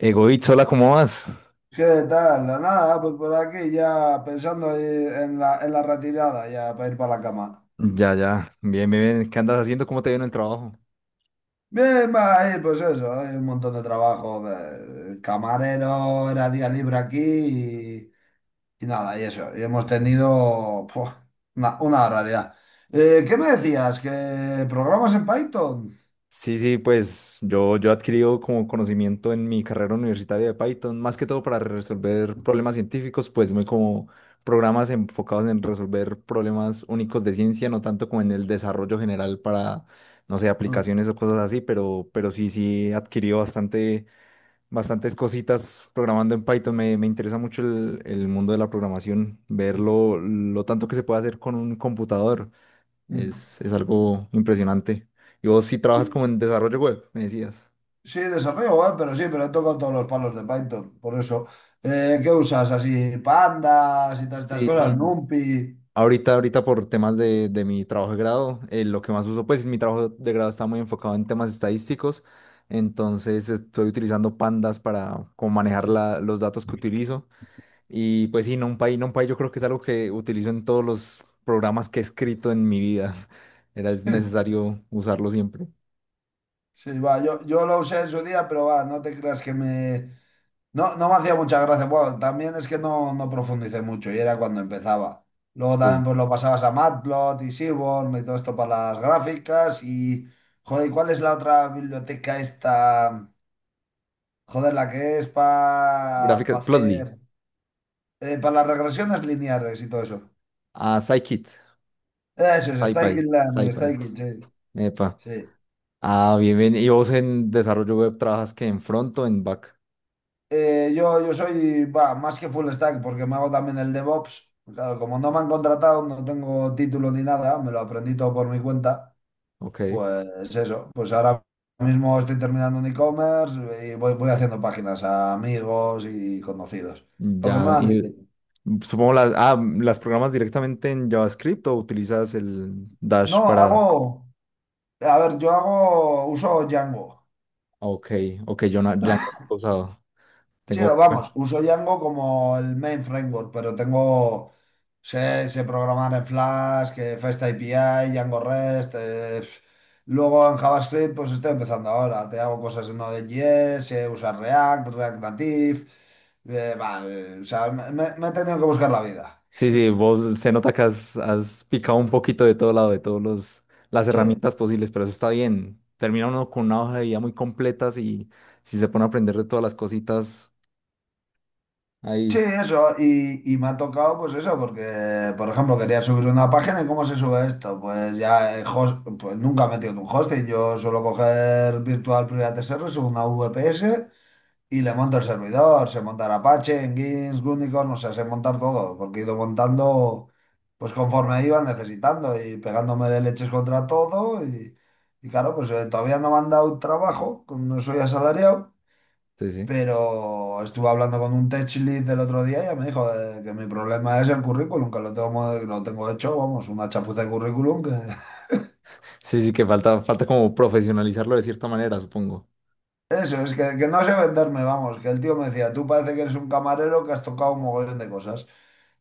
Egoísta, hola, ¿cómo vas? ¿Qué tal? Nada, pues por aquí ya pensando, en la retirada, ya para ir para la cama. Ya, ya, bien, bien, bien. ¿Qué andas haciendo? ¿Cómo te viene el trabajo? Bien, va, ahí, pues eso, hay un montón de trabajo. Camarero, era día libre aquí y nada, y eso. Y hemos tenido puf, una barbaridad. ¿Qué me decías? ¿Que programas en Python? Sí, sí, pues yo he adquirido como conocimiento en mi carrera universitaria de Python, más que todo para resolver problemas científicos, pues muy como programas enfocados en resolver problemas únicos de ciencia, no tanto como en el desarrollo general para, no sé, Mm, aplicaciones o cosas así, pero sí, sí, he adquirido bastantes cositas programando en Python. Me interesa mucho el mundo de la programación, ver lo tanto que se puede hacer con un computador. mm. Es algo impresionante. Y vos sí trabajas como Sí, en desarrollo web, me decías. sí, desarrollo, pero sí, pero he tocado todos los palos de Python, por eso. ¿Qué usas? Así, pandas y todas estas Sí, cosas, sí. NumPy. Ahorita por temas de mi trabajo de grado, lo que más uso, pues mi trabajo de grado está muy enfocado en temas estadísticos, entonces estoy utilizando pandas para como manejar Sí. Los datos que utilizo. Y pues sí, NumPy yo creo que es algo que utilizo en todos los programas que he escrito en mi vida. Es necesario usarlo siempre. Sí, va, yo lo usé en su día, pero va, no te creas que me... No, no me hacía mucha gracia. Bueno, también es que no, no profundicé mucho y era cuando empezaba. Luego también Sí. pues lo pasabas a Matplot y Seaborn y todo esto para las gráficas y... Joder, ¿y cuál es la otra biblioteca esta? Joder, la que es para Gráficas, Plotly, hacer... Para las regresiones lineares y todo eso. a Scikit, Eso es, Stykins Land, SciPy. Stykins, sí. Epa. Sí. Ah, bien, bien. ¿Y vos en desarrollo web trabajas que en front o en back? Yo soy bah, más que full stack porque me hago también el DevOps. Claro, como no me han contratado, no tengo título ni nada, me lo aprendí todo por mi cuenta. Ok. Pues eso, pues ahora mismo estoy terminando un e-commerce y voy haciendo páginas a amigos y conocidos. Lo que me Ya, van y diciendo. supongo las programas directamente en JavaScript o utilizas el Dash No, para. hago, a ver, yo hago, uso Django. Ok, ok, yo no, ya no he usado. Sí, Tengo poca. vamos, uso Django como el main framework, pero tengo, sé programar en Flask, FastAPI Django REST. Pf. Luego en JavaScript, pues estoy empezando ahora. Te hago cosas en Node.js, sé usar React, React Native. O sea, me he tenido que buscar la vida. Sí, sí, vos se nota que has picado un poquito de todo lado, de todos los las Sí. herramientas posibles, pero eso está bien. Termina uno con una hoja de vida muy completa si se pone a aprender de todas las cositas Sí, ahí. eso, y me ha tocado pues eso, porque por ejemplo quería subir una página y ¿cómo se sube esto? Pues ya, pues nunca he metido en un hosting, yo suelo coger Virtual Private Service, una VPS y le monto el servidor, se monta en Apache, en Gins, Unicorn, o sea, sé montar todo, porque he ido montando pues conforme iba necesitando y pegándome de leches contra todo y claro, pues todavía no me han dado trabajo, no soy asalariado. Sí, sí. Pero estuve hablando con un tech lead el otro día y ya me dijo que mi problema es el currículum, que lo tengo, lo tengo hecho, vamos, una chapuza de currículum. Que... Sí, sí, que falta como profesionalizarlo de cierta manera, supongo. Eso, es que no sé venderme, vamos, que el tío me decía, tú parece que eres un camarero que has tocado un mogollón de cosas.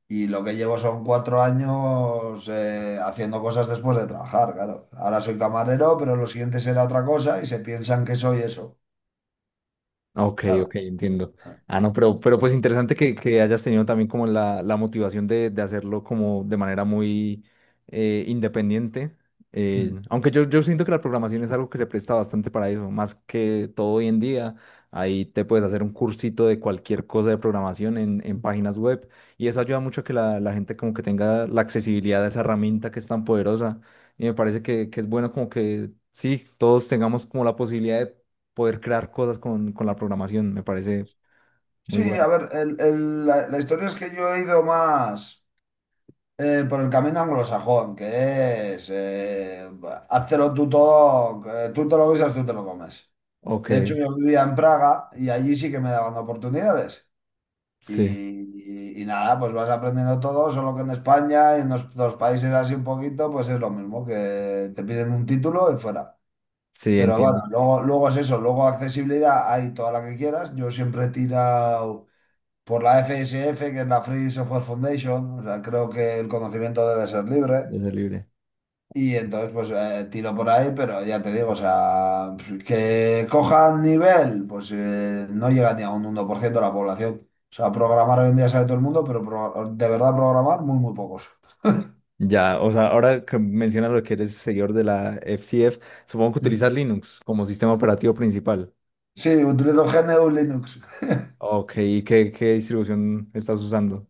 Y lo que llevo son cuatro años haciendo cosas después de trabajar, claro. Ahora soy camarero, pero lo siguiente será otra cosa y se piensan que soy eso. Ok, ok, Claro. entiendo. Ah, no, pero pues interesante que hayas tenido también como la motivación de hacerlo como de manera muy independiente. Eh, Mm. aunque yo, yo siento que la programación es algo que se presta bastante para eso, más que todo hoy en día. Ahí te puedes hacer un cursito de cualquier cosa de programación en páginas web y eso ayuda mucho a que la gente como que tenga la accesibilidad a esa herramienta que es tan poderosa. Y me parece que es bueno como que sí, todos tengamos como la posibilidad poder crear cosas con la programación. Me parece muy Sí, a bueno. ver, la historia es que yo he ido más. Por el camino anglosajón, que es, háztelo tú todo, tú te lo guisas, tú te lo comes. Ok, De hecho, yo vivía en Praga y allí sí que me daban oportunidades. sí, Y, y nada, pues vas aprendiendo todo, solo que en España y en los países así un poquito, pues es lo mismo, que te piden un título y fuera. sí, Pero bueno, entiendo. luego, luego es eso, luego accesibilidad hay toda la que quieras. Yo siempre he tirado por la FSF, que es la Free Software Foundation, o sea, creo que el conocimiento debe ser libre. De ser libre. Y entonces, pues tiro por ahí, pero ya te digo, o sea, que cojan nivel, pues no llega ni a un 1% de la población. O sea, programar hoy en día sabe todo el mundo, pero de verdad programar, muy, muy pocos. Ya, o sea, ahora que mencionas lo que eres seguidor de la FCF, supongo que Mm. utilizas Linux como sistema operativo principal. Sí, utilizo GNU Linux. Ok, ¿y qué, qué distribución estás usando?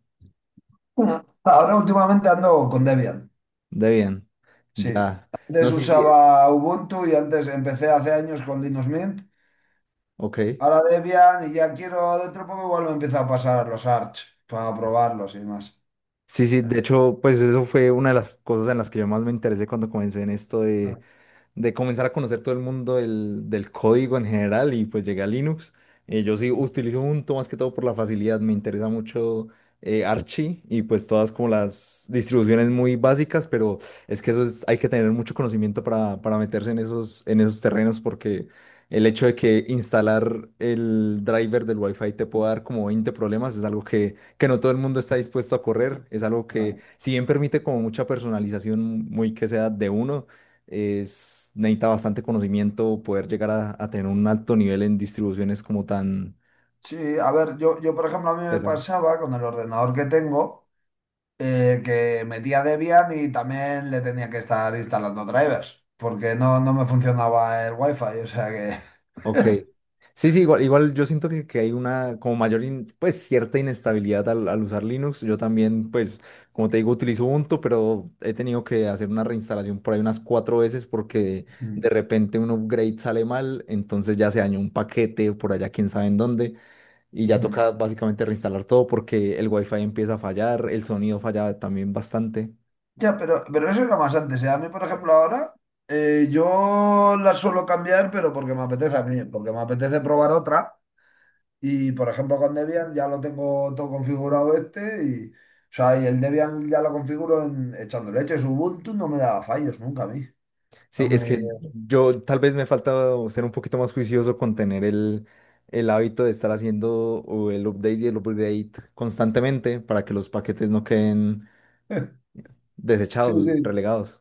Ujú. Ahora últimamente ando con Debian. Debian. Sí. Ya. No, Antes sí, sí. usaba Ubuntu y antes empecé hace años con Linux Mint. Ok. Ahora Debian y ya quiero dentro de poco igual me empiezo a pasar a los Arch para probarlos y más. Sí, sí, Ah, de hecho, pues eso fue una de las cosas en las que yo más me interesé cuando comencé en esto ah, de comenzar a conocer todo el mundo del código en general y pues llegué a Linux. Yo sí utilizo Ubuntu más que todo por la facilidad, me interesa mucho Archie y pues todas como las distribuciones muy básicas, pero es que eso es, hay que tener mucho conocimiento para meterse en en esos terrenos porque el hecho de que instalar el driver del Wi-Fi te pueda dar como 20 problemas es algo que no todo el mundo está dispuesto a correr, es algo que ah. si bien permite como mucha personalización muy que sea de uno, es, necesita bastante conocimiento poder llegar a tener un alto nivel en distribuciones como tan Sí, a ver, yo por ejemplo a mí me pesadas. pasaba con el ordenador que tengo que metía Debian y también le tenía que estar instalando drivers porque no, no me funcionaba el wifi, o sea que... Ok. Sí, sí, igual, igual yo siento que hay una como mayor, pues cierta inestabilidad al usar Linux. Yo también, pues, como te digo, utilizo Ubuntu, pero he tenido que hacer una reinstalación por ahí unas cuatro veces porque de Mm, repente un upgrade sale mal, entonces ya se dañó un paquete por allá, quién sabe en dónde, y ya mm. toca básicamente reinstalar todo porque el wifi empieza a fallar, el sonido falla también bastante. Ya, pero eso era más antes, ¿eh? A mí por ejemplo ahora yo la suelo cambiar pero porque me apetece a mí, porque me apetece probar otra y por ejemplo con Debian ya lo tengo todo configurado este y... O sea, y el Debian ya lo configuro en, echando leches. Ubuntu no me daba fallos nunca a mí. No Sí, es me... que yo tal vez me falta ser un poquito más juicioso con tener el hábito de estar haciendo o el update y el upgrade constantemente para que los paquetes no queden Sí, desechados, sí, relegados.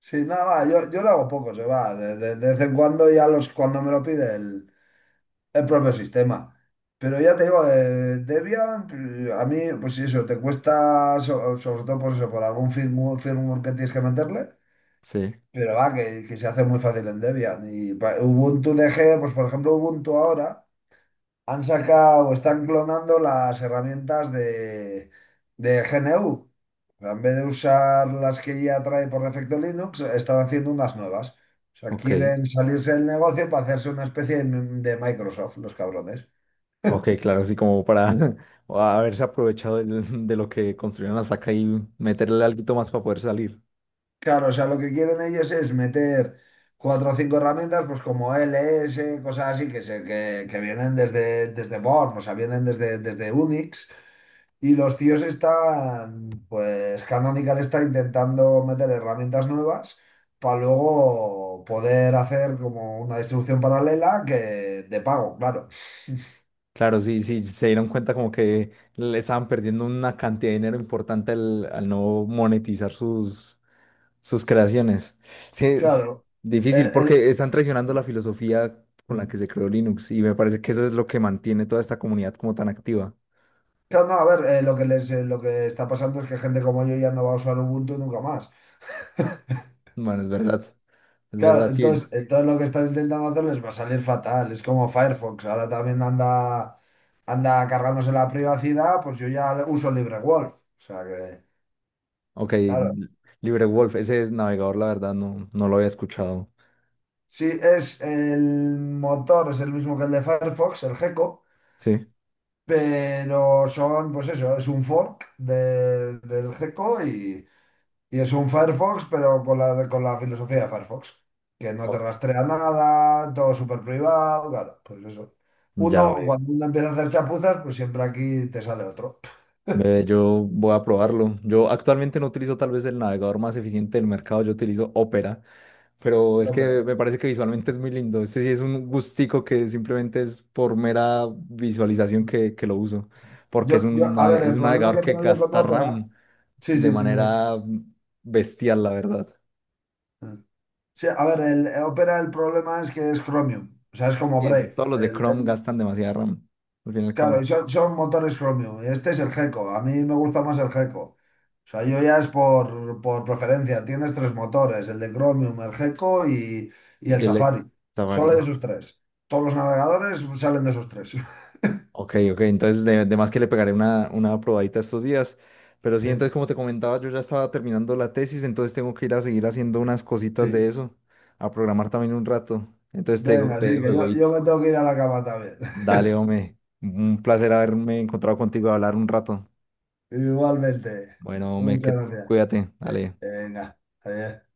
sí, nada, va, yo lo hago poco, se va, de vez en cuando ya los, cuando me lo pide el propio sistema. Pero ya te digo, Debian, a mí, pues sí, eso, te cuesta, sobre todo por eso, por algún firmware que tienes que meterle, Sí, pero va, que se hace muy fácil en Debian. Ubuntu DG, pues por ejemplo, Ubuntu ahora. Han sacado, están clonando las herramientas de GNU. En vez de usar las que ya trae por defecto Linux, están haciendo unas nuevas. O sea, ok. quieren salirse del negocio para hacerse una especie de Microsoft, los cabrones. Ok, claro, así como para o haberse aprovechado de, lo que construyeron hasta acá y meterle algo más para poder salir. Claro, o sea, lo que quieren ellos es meter cuatro o cinco herramientas, pues como LS, cosas así, que, se, que vienen desde, desde Born, o sea, vienen desde, desde Unix. Y los tíos están, pues Canonical está intentando meter herramientas nuevas para luego poder hacer como una distribución paralela que de pago, claro. Claro, sí, sí, se dieron cuenta como que le estaban perdiendo una cantidad de dinero importante al no monetizar sus creaciones. Sí, Claro. el- difícil el- porque están traicionando la filosofía con la que se creó Linux y me parece que eso es lo que mantiene toda esta comunidad como tan activa. claro, no, a ver, lo que está pasando es que gente como yo ya no va a usar Ubuntu nunca más. Bueno, es Claro, verdad, sí. entonces, Es... entonces lo que están intentando hacer les va a salir fatal. Es como Firefox, ahora también anda, anda cargándose la privacidad, pues yo ya uso LibreWolf. O sea que... Ok, Claro, LibreWolf, ese es navegador, la verdad, no, no lo había escuchado. sí, es el motor, es el mismo que el de Firefox, el Gecko, Sí. pero son, pues eso, es un fork del Gecko y es un Firefox, pero con la filosofía de Firefox, que no te Ok. rastrea nada, todo súper privado, claro, pues eso. Ya, Uno, ve, cuando uno empieza a hacer chapuzas, pues siempre aquí te sale otro, ve, yo voy a probarlo. Yo actualmente no utilizo tal vez el navegador más eficiente del mercado, yo utilizo Opera. Pero la es Opera. que me parece que visualmente es muy lindo. Este sí es un gustico que simplemente es por mera visualización que lo uso. Porque es Yo, un, yo, a nave- ver, es el un problema navegador que que tengo yo con gasta Opera, RAM sí, de sí, dime, manera bestial, la verdad. dime. Sí, a ver, el Opera el problema es que es Chromium, o sea, es como Brave. Todos los de Chrome gastan demasiada RAM, al fin y al Claro, y cabo. son, son motores Chromium. Y este es el Gecko, a mí me gusta más el Gecko. O sea, yo ya es por preferencia, tienes tres motores, el de Chromium, el Gecko y el Y el de Safari. Solo de Safari. esos tres. Todos los navegadores salen de esos tres. Ok, ok, entonces de más que le pegaré una probadita estos días. Pero sí, Sí, entonces como te comentaba, yo ya estaba terminando la tesis, entonces tengo que ir a seguir haciendo unas cositas de sí. eso, a programar también un rato. Entonces te, dejo- Venga, te sí, dejo, que yo Egoitz. me tengo que ir a la cama también. Dale, hombre, un placer haberme encontrado contigo a hablar un rato. Igualmente. Bueno, hombre, Muchas que, gracias. cuídate, dale. Venga, adiós.